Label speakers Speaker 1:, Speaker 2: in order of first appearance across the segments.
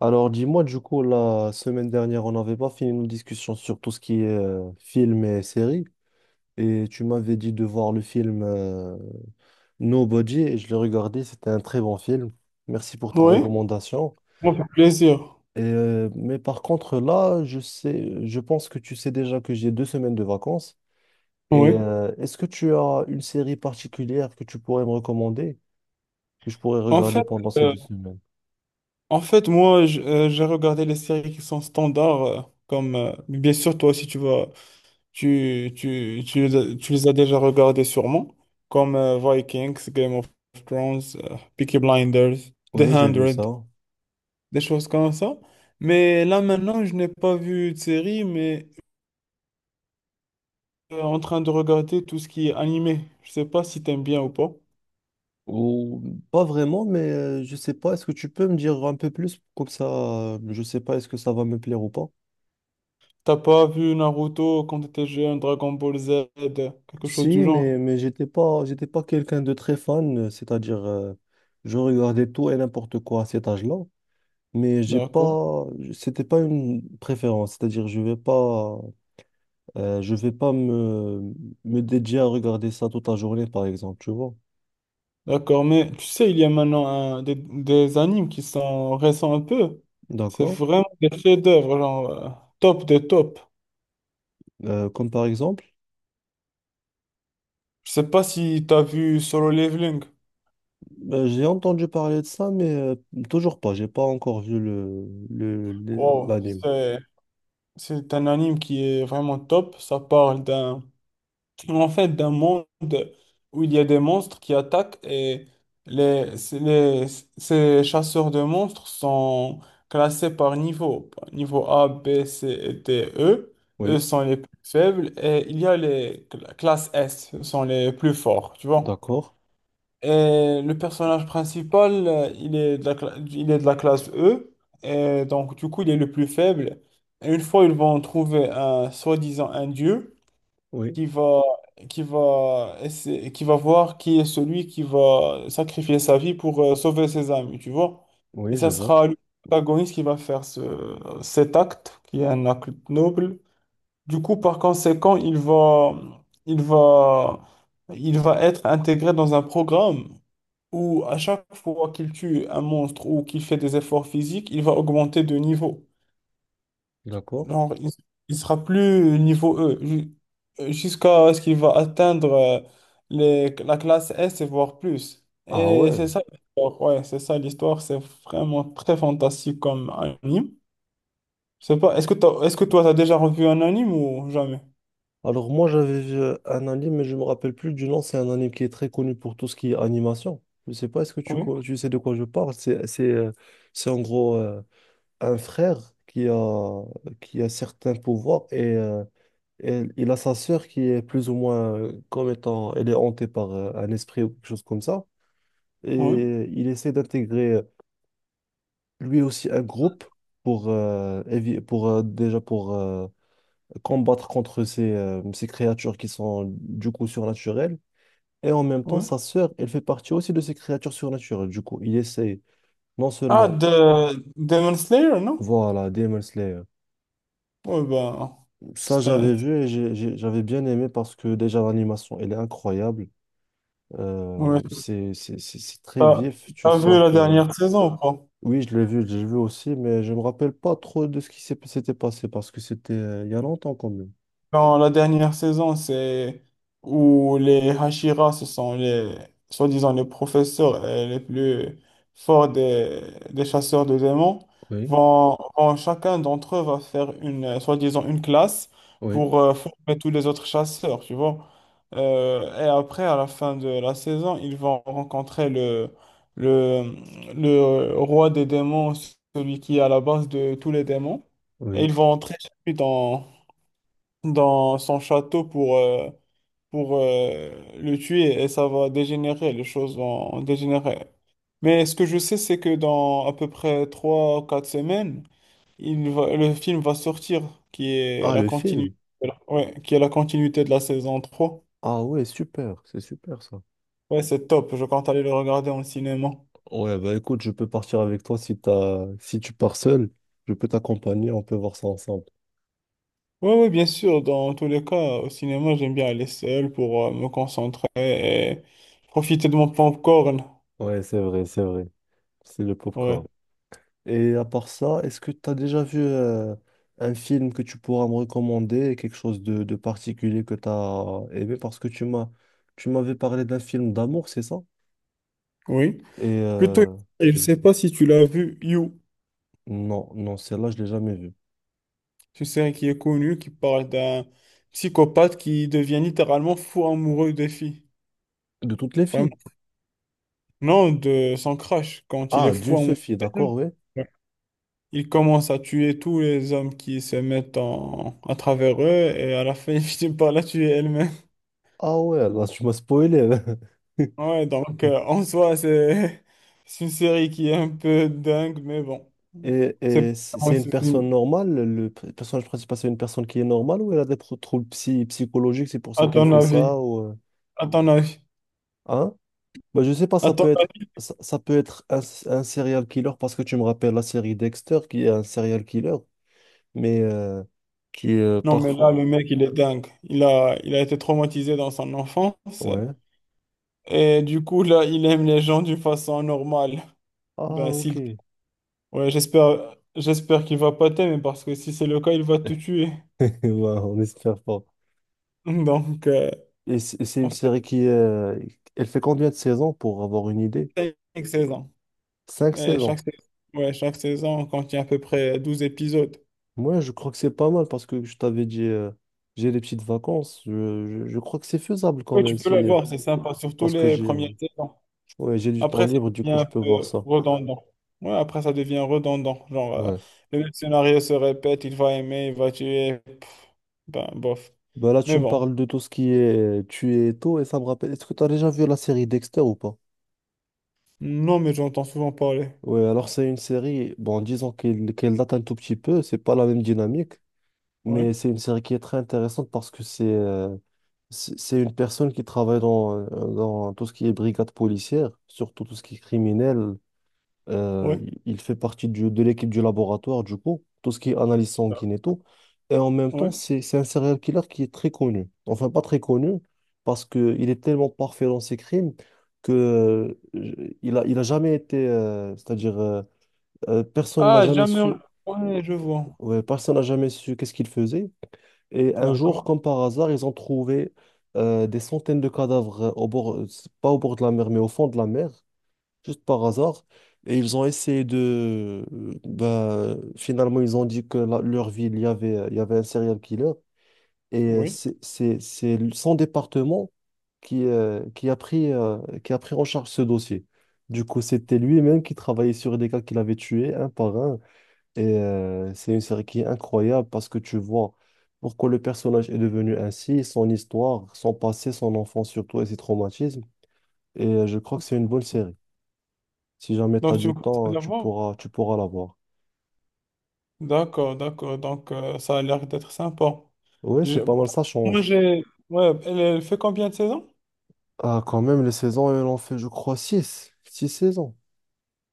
Speaker 1: Alors, dis-moi, du coup, la semaine dernière, on n'avait pas fini nos discussions sur tout ce qui est film et série. Et tu m'avais dit de voir le film Nobody et je l'ai regardé. C'était un très bon film. Merci pour ta
Speaker 2: Oui,
Speaker 1: recommandation.
Speaker 2: ça fait plaisir.
Speaker 1: Mais par contre, là, je sais, je pense que tu sais déjà que j'ai deux semaines de vacances. Et
Speaker 2: Oui.
Speaker 1: est-ce que tu as une série particulière que tu pourrais me recommander, que je pourrais
Speaker 2: En
Speaker 1: regarder
Speaker 2: fait,
Speaker 1: pendant ces
Speaker 2: euh,
Speaker 1: deux semaines?
Speaker 2: en fait moi, j- J'ai regardé les séries qui sont standards, comme bien sûr, toi aussi, tu vas, tu, tu les as déjà regardées sûrement, comme Vikings, Game of Thrones, Peaky Blinders, The
Speaker 1: Oui, j'ai vu
Speaker 2: Hundred,
Speaker 1: ça.
Speaker 2: des choses comme ça. Mais là, maintenant, je n'ai pas vu de série, mais en train de regarder tout ce qui est animé. Je sais pas si t'aimes bien ou pas.
Speaker 1: Ou pas vraiment, mais je sais pas. Est-ce que tu peux me dire un peu plus comme ça? Je sais pas, est-ce que ça va me plaire ou pas?
Speaker 2: T'as pas vu Naruto quand t'étais jeune, Dragon Ball Z, quelque chose du
Speaker 1: Si, mais
Speaker 2: genre?
Speaker 1: j'étais pas quelqu'un de très fan, c'est-à-dire je regardais tout et n'importe quoi à cet âge-là, mais j'ai
Speaker 2: D'accord.
Speaker 1: pas je- c'était pas une préférence, c'est-à-dire je vais pas, je vais pas me dédier à regarder ça toute la journée par exemple, tu vois.
Speaker 2: D'accord, mais tu sais, il y a maintenant des animes qui sont récents un peu. C'est
Speaker 1: D'accord?
Speaker 2: vraiment des chefs-d'œuvre, genre top des tops.
Speaker 1: Comme par exemple.
Speaker 2: Je sais pas si t'as vu Solo Leveling.
Speaker 1: Ben, j'ai entendu parler de ça, mais toujours pas. J'ai pas encore vu
Speaker 2: Wow,
Speaker 1: l'anime.
Speaker 2: c'est c'est un anime qui est vraiment top. Ça parle d'un En fait, d'un monde où il y a des monstres qui attaquent et les, c'est- les- ces chasseurs de monstres sont classés par niveau. Niveau A, B, C et D, E. Eux
Speaker 1: Oui,
Speaker 2: sont les plus faibles et il y a les classes S, ce sont les plus forts, tu vois.
Speaker 1: d'accord.
Speaker 2: Et le personnage principal, il est de la classe E et donc du coup, il est le plus faible. Et une fois, ils vont trouver un soi-disant un dieu
Speaker 1: Oui,
Speaker 2: qui va, qui va voir qui est celui qui va sacrifier sa vie pour sauver ses amis, tu vois. Et
Speaker 1: oui, je
Speaker 2: ça
Speaker 1: vois.
Speaker 2: sera le protagoniste qui va faire cet acte, qui est un acte noble. Du coup, par conséquent, il va, il va être intégré dans un programme où à chaque fois qu'il tue un monstre ou qu'il fait des efforts physiques, il va augmenter de niveau.
Speaker 1: D'accord.
Speaker 2: Genre, il, il sera plus niveau E jusqu'à ce qu'il va atteindre la classe S et voire plus.
Speaker 1: Ah
Speaker 2: Et c'est
Speaker 1: ouais.
Speaker 2: ça l'histoire. Ouais, c'est ça l'histoire. C'est vraiment très fantastique comme anime. Je sais pas, est-ce que toi, tu as déjà revu un anime ou jamais?
Speaker 1: Alors moi, j'avais vu un anime, mais je me rappelle plus du nom. C'est un anime qui est très connu pour tout ce qui est animation. Je sais pas, est-ce que
Speaker 2: Oui,
Speaker 1: tu sais de quoi je parle? C'est en gros un frère qui a, qui a certains pouvoirs et il a sa sœur qui est plus ou moins comme étant, elle est hantée par un esprit ou quelque chose comme ça.
Speaker 2: oui,
Speaker 1: Et il essaie d'intégrer lui aussi un groupe pour, évi- pour déjà pour combattre contre ces créatures qui sont du coup surnaturelles. Et en même temps,
Speaker 2: oui.
Speaker 1: sa sœur, elle fait partie aussi de ces créatures surnaturelles. Du coup, il essaie non
Speaker 2: Ah,
Speaker 1: seulement,
Speaker 2: de Demon Slayer, non?
Speaker 1: voilà, Demon Slayer.
Speaker 2: Ouais, ben,
Speaker 1: Ça,
Speaker 2: c'était...
Speaker 1: j'avais vu et j'avais bien aimé parce que déjà l'animation, elle est incroyable.
Speaker 2: Ouais,
Speaker 1: C'est très
Speaker 2: t'as
Speaker 1: vif. Tu
Speaker 2: t'as vu
Speaker 1: sens
Speaker 2: la
Speaker 1: que.
Speaker 2: dernière saison, quoi.
Speaker 1: Oui, je l'ai vu aussi, mais je me rappelle pas trop de ce qui s'était passé parce que c'était il y a longtemps quand même.
Speaker 2: Dans la dernière saison, c'est où les Hashira, soi-disant, les professeurs et les plus forts des chasseurs de démons,
Speaker 1: Oui,
Speaker 2: chacun d'entre eux va faire une, soi-disant, une classe
Speaker 1: oui,
Speaker 2: pour former tous les autres chasseurs, tu vois. Et après, à la fin de la saison, ils vont rencontrer le, le roi des démons, celui qui est à la base de tous les démons, et ils
Speaker 1: oui.
Speaker 2: vont entrer chez lui dans son château pour le tuer et ça va dégénérer, les choses vont dégénérer. Mais ce que je sais, c'est que dans à peu près 3 ou 4 semaines, le film va sortir, qui est
Speaker 1: Ah,
Speaker 2: la
Speaker 1: le
Speaker 2: continuité,
Speaker 1: film.
Speaker 2: ouais, qui est la continuité de la saison 3.
Speaker 1: Ah ouais, super, c'est super ça.
Speaker 2: Ouais, c'est top, je compte aller le regarder en cinéma.
Speaker 1: Ouais, bah écoute, je peux partir avec toi si t'as... si tu pars seul, je peux t'accompagner, on peut voir ça ensemble.
Speaker 2: Ouais, ouais, bien sûr, dans tous les cas, au cinéma, j'aime bien aller seul pour me concentrer et profiter de mon popcorn.
Speaker 1: Ouais, c'est vrai, c'est vrai. C'est le
Speaker 2: Ouais.
Speaker 1: popcorn. Et à part ça, est-ce que tu as déjà vu un film que tu pourras me recommander, quelque chose de particulier que tu as aimé parce que tu m'avais parlé d'un film d'amour, c'est ça?
Speaker 2: Oui.
Speaker 1: Et
Speaker 2: Plutôt, je ne sais pas si tu l'as vu, You,
Speaker 1: non, non, celle-là, je l'ai jamais vue.
Speaker 2: une série qui est connue, qui parle d'un psychopathe qui devient littéralement fou amoureux des filles.
Speaker 1: De toutes les
Speaker 2: Vraiment.
Speaker 1: filles.
Speaker 2: Non, de son crush, quand il est
Speaker 1: Ah, d'une
Speaker 2: fou
Speaker 1: seule
Speaker 2: amoureux.
Speaker 1: fille, d'accord, oui.
Speaker 2: Il commence à tuer tous les hommes qui se mettent en... à travers eux et à la fin, il finit par la tuer elle-même.
Speaker 1: Ah ouais, là, tu m'as spoilé.
Speaker 2: Ouais, donc en soi, c'est c'est une série qui est un peu dingue, mais bon.
Speaker 1: Et,
Speaker 2: C'est pas vraiment
Speaker 1: c'est une
Speaker 2: ce
Speaker 1: personne
Speaker 2: film.
Speaker 1: normale, le personnage principal, c'est une personne qui est normale ou elle a des troubles psychologiques, c'est pour ça
Speaker 2: À
Speaker 1: qu'elle
Speaker 2: ton
Speaker 1: fait
Speaker 2: avis.
Speaker 1: ça ou
Speaker 2: À ton avis.
Speaker 1: hein? Bah, je sais pas,
Speaker 2: À
Speaker 1: ça
Speaker 2: ton
Speaker 1: peut être
Speaker 2: avis.
Speaker 1: ça, ça peut être un serial killer parce que tu me rappelles la série Dexter qui est un serial killer, mais qui est
Speaker 2: Non, mais là,
Speaker 1: parfois
Speaker 2: le mec, il est dingue. Il a été traumatisé dans son enfance.
Speaker 1: ouais.
Speaker 2: Et du coup, là, il aime les gens d'une façon normale.
Speaker 1: Ah
Speaker 2: Ben,
Speaker 1: ok.
Speaker 2: s'il... Ouais, j'espère qu'il va pas t'aimer parce que si c'est le cas, il va te tuer.
Speaker 1: Ouais, on espère pas.
Speaker 2: Donc,
Speaker 1: Et c'est
Speaker 2: en
Speaker 1: une
Speaker 2: fait,
Speaker 1: série qui elle fait combien de saisons pour avoir une idée?
Speaker 2: c'est une saison.
Speaker 1: Cinq
Speaker 2: Et chaque
Speaker 1: saisons.
Speaker 2: saison, ouais, chaque saison contient à peu près 12 épisodes.
Speaker 1: Moi, je crois que c'est pas mal parce que je t'avais dit, j'ai des petites vacances. Je crois que c'est faisable quand
Speaker 2: Ouais, tu
Speaker 1: même
Speaker 2: peux
Speaker 1: si,
Speaker 2: la voir, c'est sympa, surtout
Speaker 1: parce que
Speaker 2: les
Speaker 1: j'ai,
Speaker 2: premières saisons.
Speaker 1: ouais, j'ai du temps
Speaker 2: Après, ça
Speaker 1: libre, du
Speaker 2: devient
Speaker 1: coup, je
Speaker 2: un
Speaker 1: peux
Speaker 2: peu
Speaker 1: voir ça.
Speaker 2: redondant. Ouais, après, ça devient redondant. Genre,
Speaker 1: Ouais.
Speaker 2: le même scénario se répète, il va aimer, il va tuer. Pff, ben, bof.
Speaker 1: Bah là, tu
Speaker 2: Mais
Speaker 1: me
Speaker 2: bon.
Speaker 1: parles de tout ce qui est tuer et tout, et ça me rappelle. Est-ce que tu as déjà vu la série Dexter ou pas?
Speaker 2: Non, mais j'entends souvent parler.
Speaker 1: Ouais, alors c'est une série, bon, disons qu'elle date un tout petit peu, c'est pas la même dynamique. Mais
Speaker 2: Ouais,
Speaker 1: c'est une série qui est très intéressante parce que c'est c'est une personne qui travaille dans tout ce qui est brigade policière, surtout tout ce qui est criminel.
Speaker 2: ouais,
Speaker 1: Il fait partie de l'équipe du laboratoire, du coup, tout ce qui est analyse sanguine et tout. Et en même temps,
Speaker 2: ouais.
Speaker 1: c'est un serial killer qui est très connu. Enfin, pas très connu, parce qu'il est tellement parfait dans ses crimes que il a jamais été, c'est-à-dire, personne n'a
Speaker 2: Ah,
Speaker 1: jamais
Speaker 2: jamais.
Speaker 1: su, euh,
Speaker 2: Ouais, je vois.
Speaker 1: ouais, personne n'a jamais su qu'est-ce qu'il faisait. Et un jour,
Speaker 2: D'accord,
Speaker 1: comme par hasard, ils ont trouvé des centaines de cadavres au bord, c'est pas au bord de la mer, mais au fond de la mer, juste par hasard. Et ils ont essayé de... bah, finalement, ils ont dit que leur ville, il y avait un serial killer. Et
Speaker 2: oui.
Speaker 1: son département qui, qui a pris en charge ce dossier. Du coup, c'était lui-même qui travaillait sur des cas qu'il avait tués, un par un. Et c'est une série qui est incroyable parce que tu vois pourquoi le personnage est devenu ainsi, son histoire, son passé, son enfance surtout et ses traumatismes. Et je crois que c'est une bonne série. Si jamais tu as
Speaker 2: Donc, tu me
Speaker 1: du
Speaker 2: conseilles
Speaker 1: temps,
Speaker 2: de la voir?
Speaker 1: tu pourras la voir.
Speaker 2: D'accord, d'accord. Donc, ça a l'air d'être sympa.
Speaker 1: Oui,
Speaker 2: Je-
Speaker 1: c'est pas mal, ça
Speaker 2: Moi,
Speaker 1: change.
Speaker 2: j'ai... Ouais, elle fait combien de saisons?
Speaker 1: Ah, quand même, les saisons, elles en fait, je crois, 6 saisons.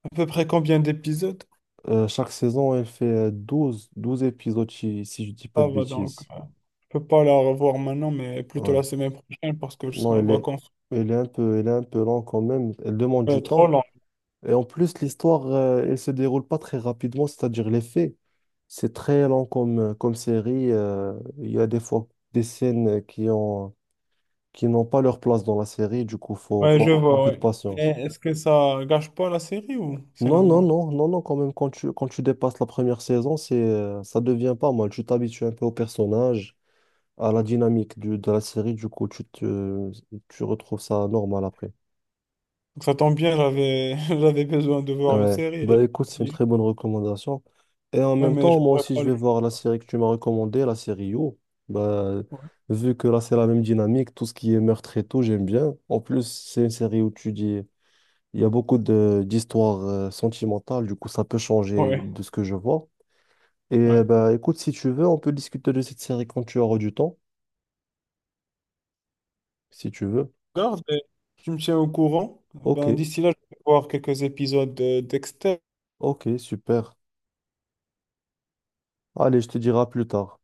Speaker 2: À peu près combien d'épisodes?
Speaker 1: Chaque saison, elle fait 12 12 épisodes, si, si je dis pas
Speaker 2: Ça
Speaker 1: de
Speaker 2: va donc.
Speaker 1: bêtises.
Speaker 2: Je peux pas la revoir maintenant, mais plutôt
Speaker 1: Ouais.
Speaker 2: la semaine prochaine parce que je
Speaker 1: Non,
Speaker 2: serai en vacances.
Speaker 1: elle est un peu, elle est un peu lente quand même. Elle demande du
Speaker 2: Trop
Speaker 1: temps.
Speaker 2: long.
Speaker 1: Et en plus, l'histoire, elle se déroule pas très rapidement, c'est-à-dire les faits. C'est très lent comme, comme série. Il y a des fois des scènes qui n'ont pas leur place dans la série, du coup,
Speaker 2: Ouais,
Speaker 1: faut
Speaker 2: je
Speaker 1: avoir un
Speaker 2: vois,
Speaker 1: peu de
Speaker 2: ouais. Et
Speaker 1: patience.
Speaker 2: est-ce que ça gâche pas la série ou c'est
Speaker 1: Non, non,
Speaker 2: normal?
Speaker 1: non, non, non, quand même, quand quand tu dépasses la première saison, c'est, ça devient pas mal. Tu t'habitues un peu au personnage, à la dynamique de la série, du coup, tu retrouves ça normal après.
Speaker 2: Donc ça tombe bien, j'avais j'avais besoin de voir une
Speaker 1: Ouais,
Speaker 2: série. Ouais,
Speaker 1: bah écoute, c'est une très bonne recommandation. Et en même
Speaker 2: mais
Speaker 1: temps,
Speaker 2: je
Speaker 1: moi
Speaker 2: pourrais
Speaker 1: aussi, je
Speaker 2: pas le.
Speaker 1: vais voir la série que tu m'as recommandée, la série You. Bah,
Speaker 2: Ouais,
Speaker 1: vu que là, c'est la même dynamique, tout ce qui est meurtre et tout, j'aime bien. En plus, c'est une série où tu dis, il y a beaucoup de d'histoires sentimentales, du coup, ça peut changer
Speaker 2: ouais.
Speaker 1: de ce que je vois. Et
Speaker 2: Ouais.
Speaker 1: bah écoute, si tu veux, on peut discuter de cette série quand tu auras du temps, si tu veux.
Speaker 2: Regarde, et tu me tiens au courant.
Speaker 1: Ok,
Speaker 2: Ben, d'ici là, je vais voir quelques épisodes de Dexter.
Speaker 1: ok, super. Allez, je te dirai à plus tard.